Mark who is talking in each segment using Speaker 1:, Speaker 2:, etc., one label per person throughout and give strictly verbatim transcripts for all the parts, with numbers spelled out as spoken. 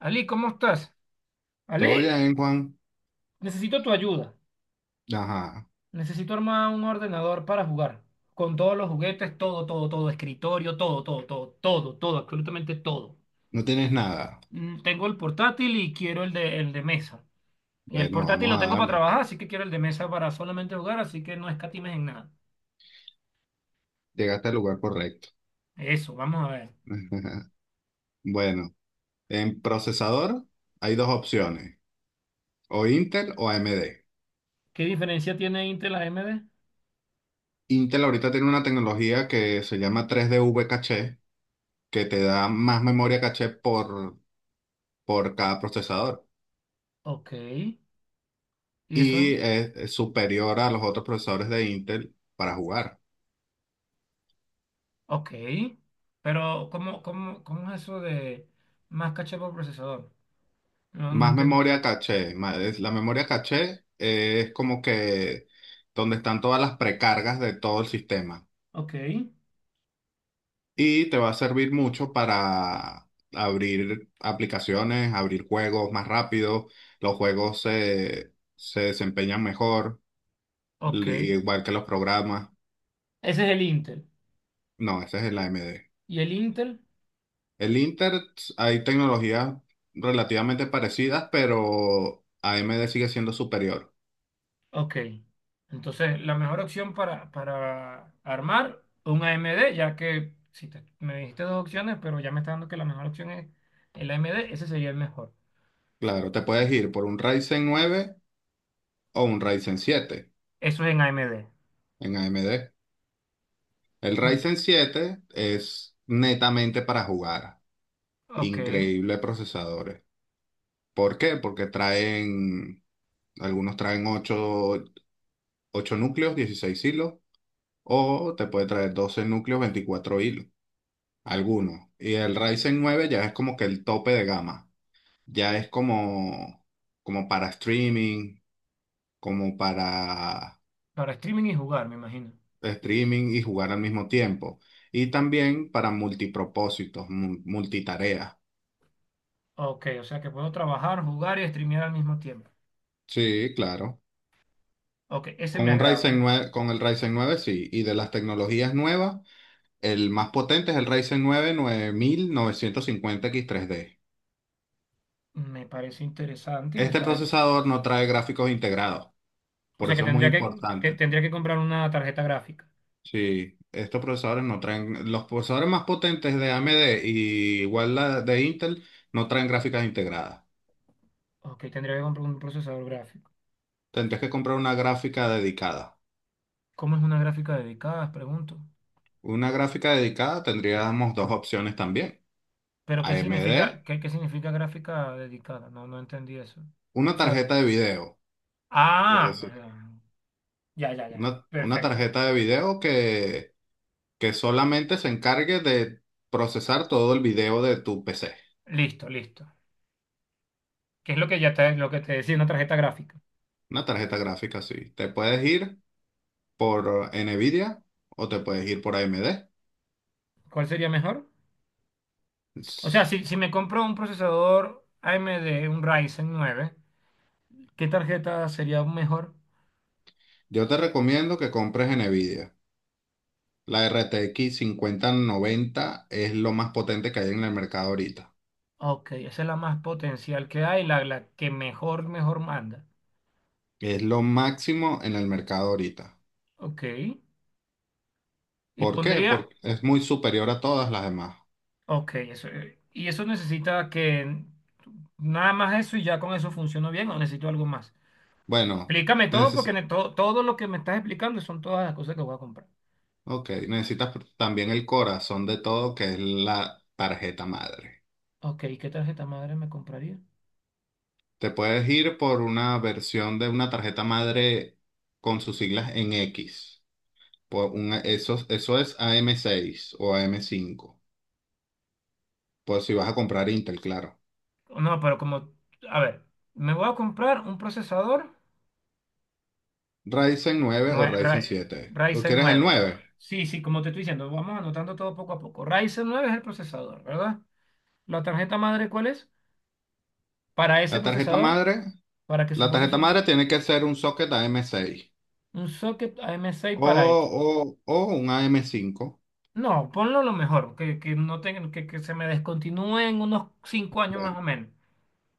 Speaker 1: Ali, ¿cómo estás?
Speaker 2: Todo
Speaker 1: Ali,
Speaker 2: bien, Juan.
Speaker 1: necesito tu ayuda.
Speaker 2: Ajá.
Speaker 1: Necesito armar un ordenador para jugar. Con todos los juguetes, todo, todo, todo, escritorio, todo, todo, todo, todo, todo, absolutamente todo.
Speaker 2: No tienes nada.
Speaker 1: Mm, Tengo el portátil y quiero el de, el de mesa. Y el
Speaker 2: Bueno,
Speaker 1: portátil
Speaker 2: vamos
Speaker 1: lo
Speaker 2: a
Speaker 1: tengo para
Speaker 2: darle.
Speaker 1: trabajar, así que quiero el de mesa para solamente jugar, así que no escatimes en nada.
Speaker 2: Llegaste al lugar correcto.
Speaker 1: Eso, vamos a ver.
Speaker 2: Bueno, en procesador hay dos opciones, o Intel o A M D.
Speaker 1: ¿Qué diferencia tiene Intel a AMD?
Speaker 2: Intel ahorita tiene una tecnología que se llama tres V caché, que te da más memoria caché por, por cada procesador
Speaker 1: Ok. Y eso,
Speaker 2: y
Speaker 1: en-
Speaker 2: es es superior a los otros procesadores de Intel para jugar.
Speaker 1: ok. Pero, ¿cómo, cómo, cómo es eso de más caché por procesador? No, no
Speaker 2: Más
Speaker 1: entendí.
Speaker 2: memoria caché. ma- es- La memoria caché eh, es como que donde están todas las precargas de todo el sistema
Speaker 1: Ok,
Speaker 2: y te va a servir mucho para abrir aplicaciones, abrir juegos más rápido. Los juegos se, se desempeñan mejor,
Speaker 1: ok.
Speaker 2: li-
Speaker 1: Ese
Speaker 2: igual que los programas.
Speaker 1: es el Intel.
Speaker 2: No, ese es el A M D.
Speaker 1: ¿Y el Intel?
Speaker 2: El Inter, hay tecnologías relativamente parecidas, pero A M D sigue siendo superior.
Speaker 1: Ok. Entonces, la mejor opción para, para armar un A M D, ya que si te- me dijiste dos opciones, pero ya me está dando que la mejor opción es el A M D, ese sería el mejor.
Speaker 2: Claro, te puedes ir por un Ryzen nueve o un Ryzen siete
Speaker 1: Eso es en A M D.
Speaker 2: en A M D. El
Speaker 1: Y,
Speaker 2: Ryzen siete es netamente para jugar.
Speaker 1: ok,
Speaker 2: Increíble procesadores. ¿Por qué? Porque traen, algunos traen ocho ocho núcleos, dieciséis hilos, o te puede traer doce núcleos, veinticuatro hilos, algunos. Y el Ryzen nueve ya es como que el tope de gama. Ya es como, como para streaming, como para
Speaker 1: para streaming y jugar, me imagino.
Speaker 2: streaming y jugar al mismo tiempo. Y también para multipropósitos, mu- multitareas.
Speaker 1: Ok, o sea que puedo trabajar, jugar y streamear al mismo tiempo.
Speaker 2: Sí, claro.
Speaker 1: Ok, ese
Speaker 2: Con
Speaker 1: me
Speaker 2: un
Speaker 1: agrada.
Speaker 2: Ryzen nueve, con el Ryzen nueve sí. Y de las tecnologías nuevas, el más potente es el Ryzen nueve nueve mil novecientos cincuenta x tres d.
Speaker 1: Me parece interesante y me
Speaker 2: Este
Speaker 1: parece.
Speaker 2: procesador no trae gráficos integrados,
Speaker 1: O
Speaker 2: por
Speaker 1: sea que
Speaker 2: eso es muy
Speaker 1: tendría que, que
Speaker 2: importante.
Speaker 1: tendría que comprar una tarjeta gráfica.
Speaker 2: Sí, estos procesadores no traen, los procesadores más potentes de A M D y igual la de Intel no traen gráficas integradas.
Speaker 1: Ok, tendría que comprar un procesador gráfico.
Speaker 2: Tendrías que comprar una gráfica dedicada.
Speaker 1: ¿Cómo es una gráfica dedicada? Pregunto.
Speaker 2: Una gráfica dedicada tendríamos dos opciones también.
Speaker 1: Pero ¿qué significa,
Speaker 2: A M D,
Speaker 1: qué, qué significa gráfica dedicada? No, no entendí eso. O
Speaker 2: una
Speaker 1: sea,
Speaker 2: tarjeta de video, por
Speaker 1: ah, no,
Speaker 2: decir.
Speaker 1: no, no, ya, ya, ya.
Speaker 2: Una, una
Speaker 1: Perfecto.
Speaker 2: tarjeta de video que, que solamente se encargue de procesar todo el video de tu P C.
Speaker 1: Listo, listo. ¿Qué es lo que ya te, lo que te decía una tarjeta gráfica?
Speaker 2: Una tarjeta gráfica, así. Te puedes ir por NVIDIA o te puedes ir por A M D.
Speaker 1: ¿Cuál sería mejor? O sea,
Speaker 2: S-
Speaker 1: si, si me compro un procesador A M D, un Ryzen nueve, ¿qué tarjeta sería mejor?
Speaker 2: Yo te recomiendo que compres NVIDIA. La R T X cincuenta noventa es lo más potente que hay en el mercado ahorita.
Speaker 1: Ok, esa es la más potencial que hay, la, la que mejor, mejor manda.
Speaker 2: Es lo máximo en el mercado ahorita.
Speaker 1: Ok. Y
Speaker 2: ¿Por qué?
Speaker 1: pondría,
Speaker 2: Porque es muy superior a todas las demás.
Speaker 1: Ok, eso. eh, ¿Y eso necesita que nada más eso y ya con eso funciona bien o necesito algo más?
Speaker 2: Bueno,
Speaker 1: Explícame todo porque
Speaker 2: neces-
Speaker 1: ne- todo, todo lo que me estás explicando son todas las cosas que voy a comprar.
Speaker 2: ok, necesitas pr- también el corazón de todo, que es la tarjeta madre.
Speaker 1: Ok, ¿qué tarjeta madre me compraría?
Speaker 2: Te puedes ir por una versión de una tarjeta madre con sus siglas en X. Por una, eso, eso es a M seis o a M cinco. Pues si vas a comprar Intel, claro.
Speaker 1: No, pero como, a ver, me voy a comprar un procesador
Speaker 2: Ryzen nueve o
Speaker 1: nue-
Speaker 2: Ryzen
Speaker 1: Ra-
Speaker 2: siete. ¿O
Speaker 1: Ryzen
Speaker 2: quieres el
Speaker 1: nueve.
Speaker 2: nueve?
Speaker 1: Sí, sí, como te estoy diciendo, vamos anotando todo poco a poco. Ryzen nueve es el procesador, ¿verdad? ¿La tarjeta madre cuál es? Para
Speaker 2: La
Speaker 1: ese
Speaker 2: tarjeta
Speaker 1: procesador,
Speaker 2: madre,
Speaker 1: para que
Speaker 2: la
Speaker 1: soporte
Speaker 2: tarjeta
Speaker 1: ese pro-
Speaker 2: madre tiene que ser un socket a M seis.
Speaker 1: un socket A M seis
Speaker 2: O,
Speaker 1: para eso.
Speaker 2: o, o un am cinco.
Speaker 1: No, ponlo lo mejor, que, que no tenga- que, que se me descontinúe en unos cinco años más
Speaker 2: Bueno,
Speaker 1: o menos.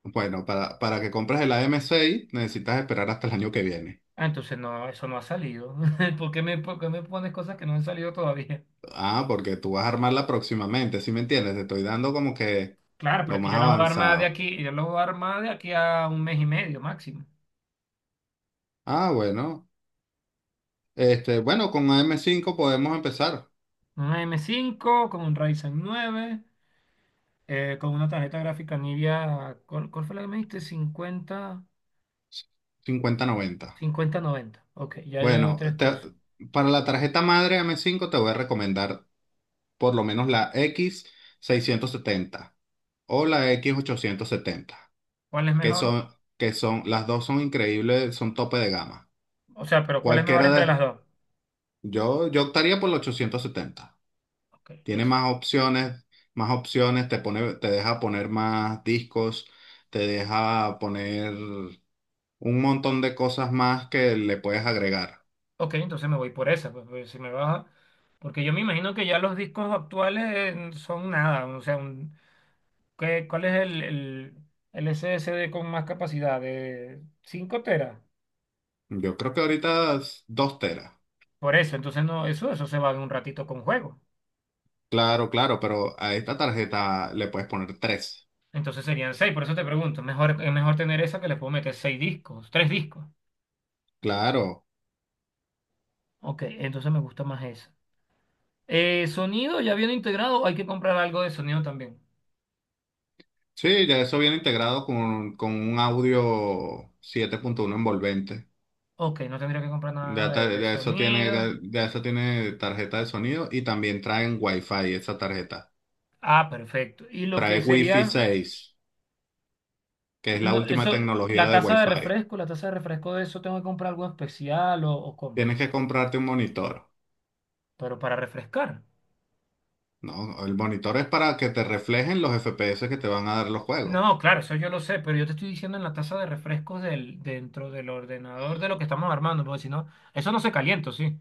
Speaker 2: bueno, para, para que compres el am seis necesitas esperar hasta el año que viene.
Speaker 1: Ah, entonces no, eso no ha salido. ¿Por qué me, por qué me pones cosas que no han salido todavía?
Speaker 2: Ah, porque tú vas a armarla próximamente, ¿sí me entiendes? Te estoy dando como que
Speaker 1: Claro, pero
Speaker 2: lo
Speaker 1: es que
Speaker 2: más
Speaker 1: yo la voy a armar de
Speaker 2: avanzado.
Speaker 1: aquí, yo la voy a armar de aquí a un mes y medio máximo.
Speaker 2: Ah, bueno. Este, bueno, con am cinco podemos empezar.
Speaker 1: Una M cinco con un Ryzen nueve, eh, con una tarjeta gráfica Nvidia, ¿cuál, cuál fue la que me diste? Cincuenta,
Speaker 2: Cincuenta noventa.
Speaker 1: cincuenta noventa. Ok, ya llevo
Speaker 2: Bueno,
Speaker 1: tres
Speaker 2: te-
Speaker 1: cosas.
Speaker 2: para la tarjeta madre am cinco te voy a recomendar por lo menos la x seiscientos setenta o la x ochocientos setenta
Speaker 1: ¿Cuál es
Speaker 2: que
Speaker 1: mejor?
Speaker 2: son, que son, las dos son increíbles, son tope de gama.
Speaker 1: O sea, pero ¿cuál es mejor
Speaker 2: Cualquiera
Speaker 1: entre
Speaker 2: de,
Speaker 1: las dos?
Speaker 2: yo, yo optaría por los ochocientos setenta.
Speaker 1: Ok,
Speaker 2: Tiene
Speaker 1: eso.
Speaker 2: más opciones, más opciones, te pone, te deja poner más discos, te deja poner un montón de cosas más que le puedes agregar.
Speaker 1: Ok, entonces me voy por esa, pues, pues, si me baja. Porque yo me imagino que ya los discos actuales eh, son nada. O sea, un- ¿qué- cuál es el, el, el S S D con más capacidad? De cinco teras.
Speaker 2: Yo creo que ahorita es dos teras.
Speaker 1: Por eso, entonces no, eso, eso se va en un ratito con juego.
Speaker 2: Claro, claro, pero a esta tarjeta le puedes poner tres.
Speaker 1: Entonces serían seis, por eso te pregunto. Mejor, es mejor tener esa que le puedo meter seis discos, tres discos.
Speaker 2: Claro.
Speaker 1: Ok, entonces me gusta más esa. Eh, sonido ya viene integrado, hay que comprar algo de sonido también.
Speaker 2: Sí, ya eso viene integrado con, con un audio siete punto uno envolvente.
Speaker 1: Ok, no tendría que comprar
Speaker 2: de
Speaker 1: nada de,
Speaker 2: ta-
Speaker 1: de
Speaker 2: ya eso tiene,
Speaker 1: sonido.
Speaker 2: de eso tiene tarjeta de sonido y también traen Wi-Fi esa tarjeta.
Speaker 1: Ah, perfecto. Y lo
Speaker 2: Trae
Speaker 1: que
Speaker 2: Wi-Fi
Speaker 1: sería,
Speaker 2: seis, que es la
Speaker 1: no,
Speaker 2: última
Speaker 1: eso,
Speaker 2: tecnología
Speaker 1: la
Speaker 2: de
Speaker 1: taza de
Speaker 2: Wi-Fi.
Speaker 1: refresco, la taza de refresco de eso, tengo que comprar algo especial o, o cómo.
Speaker 2: Tienes que comprarte un monitor,
Speaker 1: Pero para refrescar.
Speaker 2: ¿no? El monitor es para que te reflejen los F P S que te van a dar los juegos.
Speaker 1: No, claro, eso yo lo sé, pero yo te estoy diciendo en la taza de refrescos del, dentro del ordenador de lo que estamos armando, porque si no, eso no se calienta, sí.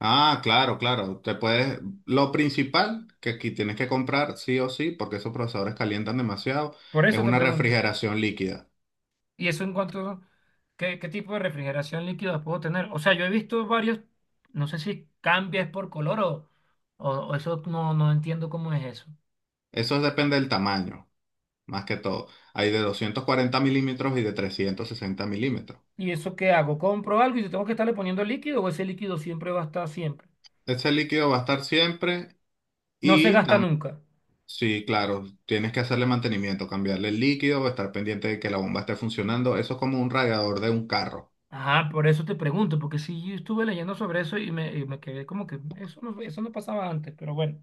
Speaker 2: Ah, claro, claro. Te puedes, lo principal que aquí tienes que comprar sí o sí, porque esos procesadores calientan demasiado,
Speaker 1: Por
Speaker 2: es
Speaker 1: eso te
Speaker 2: una
Speaker 1: pregunto.
Speaker 2: refrigeración líquida.
Speaker 1: ¿Y eso en cuanto, qué, qué tipo de refrigeración líquida puedo tener? O sea, yo he visto varios, no sé si cambias por color o, o, o eso no, no entiendo cómo es eso.
Speaker 2: Eso depende del tamaño. más que todo. Hay de doscientos cuarenta milímetros y de trescientos sesenta milímetros.
Speaker 1: ¿Y eso qué hago? ¿Compro algo y yo tengo que estarle poniendo líquido o ese líquido siempre va a estar siempre?
Speaker 2: Ese líquido va a estar siempre
Speaker 1: No se
Speaker 2: y
Speaker 1: gasta
Speaker 2: tam-
Speaker 1: nunca.
Speaker 2: sí, claro, tienes que hacerle mantenimiento, cambiarle el líquido, estar pendiente de que la bomba esté funcionando. Eso es como un radiador de un carro.
Speaker 1: Ajá, por eso te pregunto, porque sí, yo estuve leyendo sobre eso y me, y me quedé como que eso no, eso no pasaba antes, pero bueno.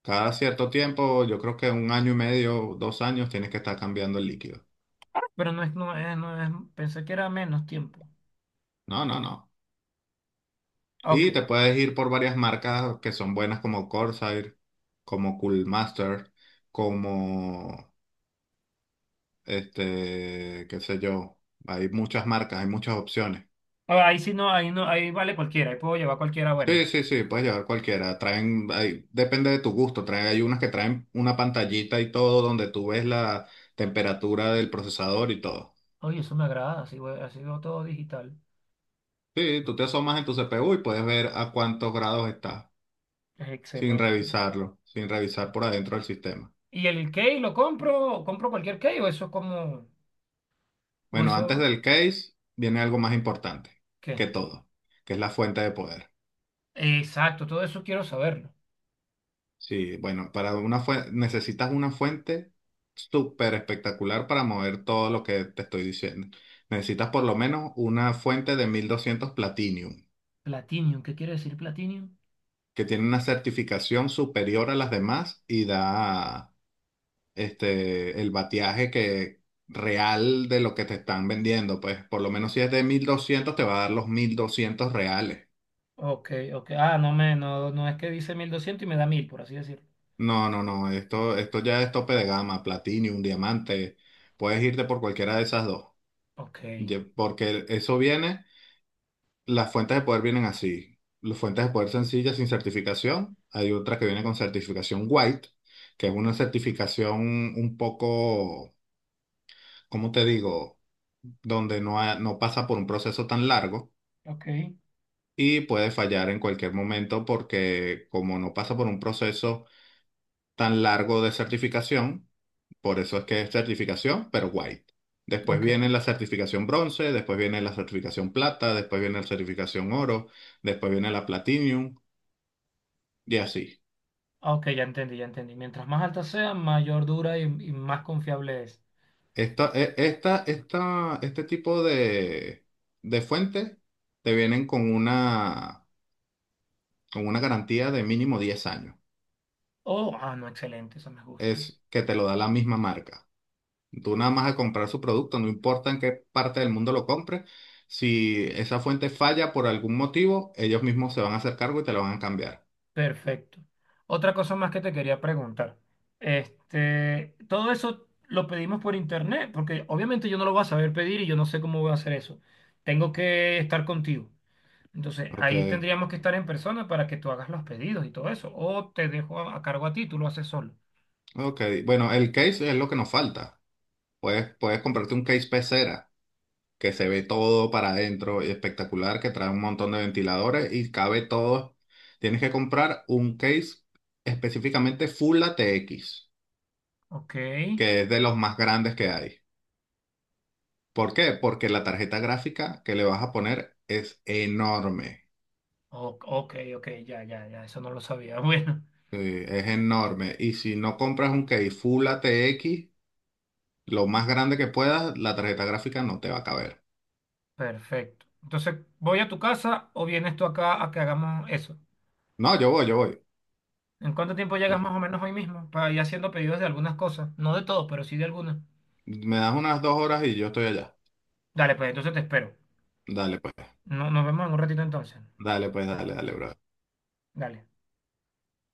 Speaker 2: Cada cierto tiempo, yo creo que un año y medio, dos años, tienes que estar cambiando el líquido.
Speaker 1: Pero no es, no es, no es, pensé que era menos tiempo.
Speaker 2: No, no, no. Y te
Speaker 1: Ok.
Speaker 2: puedes ir por varias marcas que son buenas como Corsair, como Coolmaster, como este, qué sé yo, hay muchas marcas, hay muchas opciones.
Speaker 1: Ah, Ahí sí no, ahí no, ahí vale cualquiera, ahí puedo llevar cualquiera buena.
Speaker 2: Sí, sí, sí, puedes llevar cualquiera. Traen, hay- depende de tu gusto. Traen, hay unas que traen una pantallita y todo donde tú ves la temperatura del procesador y todo.
Speaker 1: Oye, eso me agrada, así, voy- así veo todo digital.
Speaker 2: Sí, tú te asomas en tu C P U y puedes ver a cuántos grados está
Speaker 1: Es
Speaker 2: sin
Speaker 1: excelente.
Speaker 2: revisarlo, sin revisar por adentro del sistema.
Speaker 1: ¿Y el key lo compro? ¿Compro cualquier key o eso como, o
Speaker 2: Bueno, antes
Speaker 1: eso
Speaker 2: del case viene algo más importante que
Speaker 1: qué?
Speaker 2: todo, que es la fuente de poder.
Speaker 1: Exacto, todo eso quiero saberlo.
Speaker 2: Sí, bueno, para una fuente, necesitas una fuente súper espectacular para mover todo lo que te estoy diciendo. Necesitas por lo menos una fuente de mil doscientos Platinum,
Speaker 1: Platinum, ¿qué quiere decir Platinum?
Speaker 2: que tiene una certificación superior a las demás y da este, el bateaje que, real de lo que te están vendiendo. Pues por lo menos si es de mil doscientos te va a dar los mil doscientos reales.
Speaker 1: Ok, ok. Ah, no me, no, no es que dice mil doscientos y me da mil por así decirlo.
Speaker 2: No, no, no, esto, esto ya es tope de gama, Platinum, diamante. Puedes irte por cualquiera de esas dos.
Speaker 1: Ok,
Speaker 2: Ye- Porque eso viene, las fuentes de poder vienen así. Las fuentes de poder sencillas sin certificación. Hay otra que viene con certificación white, que es una certificación un poco, ¿cómo te digo? Donde no, ha- no pasa por un proceso tan largo
Speaker 1: Ok,
Speaker 2: y puede fallar en cualquier momento porque como no pasa por un proceso tan largo de certificación. Por eso es que es certificación, pero white. Después
Speaker 1: ok.
Speaker 2: viene la certificación bronce, después viene la certificación plata, después viene la certificación oro, después viene la platinum y así.
Speaker 1: Ah, Ok, ya entendí, ya entendí. Mientras más alta sea, mayor dura y, y más confiable es.
Speaker 2: Esta, e- esta, esta, este tipo de, de fuentes te vienen con una, con una, garantía de mínimo diez años.
Speaker 1: Oh, ah, no, excelente, eso me gustó.
Speaker 2: Es que te lo da la misma marca. Tú nada más a comprar su producto, no importa en qué parte del mundo lo compres, si esa fuente falla por algún motivo, ellos mismos se van a hacer cargo y te la van a cambiar.
Speaker 1: Perfecto. Otra cosa más que te quería preguntar. Este, todo eso lo pedimos por internet, porque obviamente yo no lo voy a saber pedir y yo no sé cómo voy a hacer eso. Tengo que estar contigo. Entonces,
Speaker 2: Ok,
Speaker 1: ahí tendríamos que estar en persona para que tú hagas los pedidos y todo eso. O te dejo a, a cargo a ti, tú lo haces solo.
Speaker 2: ok. Bueno, el case es lo que nos falta. Puedes, puedes comprarte un case pecera que se ve todo para adentro y espectacular, que trae un montón de ventiladores y cabe todo. Tienes que comprar un case específicamente Full A T X,
Speaker 1: Ok,
Speaker 2: que es de los más grandes que hay. ¿Por qué? Porque la tarjeta gráfica que le vas a poner es enorme.
Speaker 1: o- ok, ok, ya, ya, ya, eso no lo sabía. Bueno,
Speaker 2: Sí, es enorme. Y si no compras un case Full A T X, lo más grande que puedas, la tarjeta gráfica no te va a caber.
Speaker 1: perfecto. Entonces, ¿voy a tu casa o vienes tú acá a que hagamos eso?
Speaker 2: No, yo voy, yo voy.
Speaker 1: ¿En cuánto tiempo llegas más o menos hoy mismo para ir haciendo pedidos de algunas cosas? No de todo, pero sí de algunas.
Speaker 2: Me das unas dos horas y yo estoy allá.
Speaker 1: Dale, pues entonces te espero.
Speaker 2: Dale, pues,
Speaker 1: No, nos vemos en un ratito entonces.
Speaker 2: dale, pues, dale, dale, bro.
Speaker 1: Dale.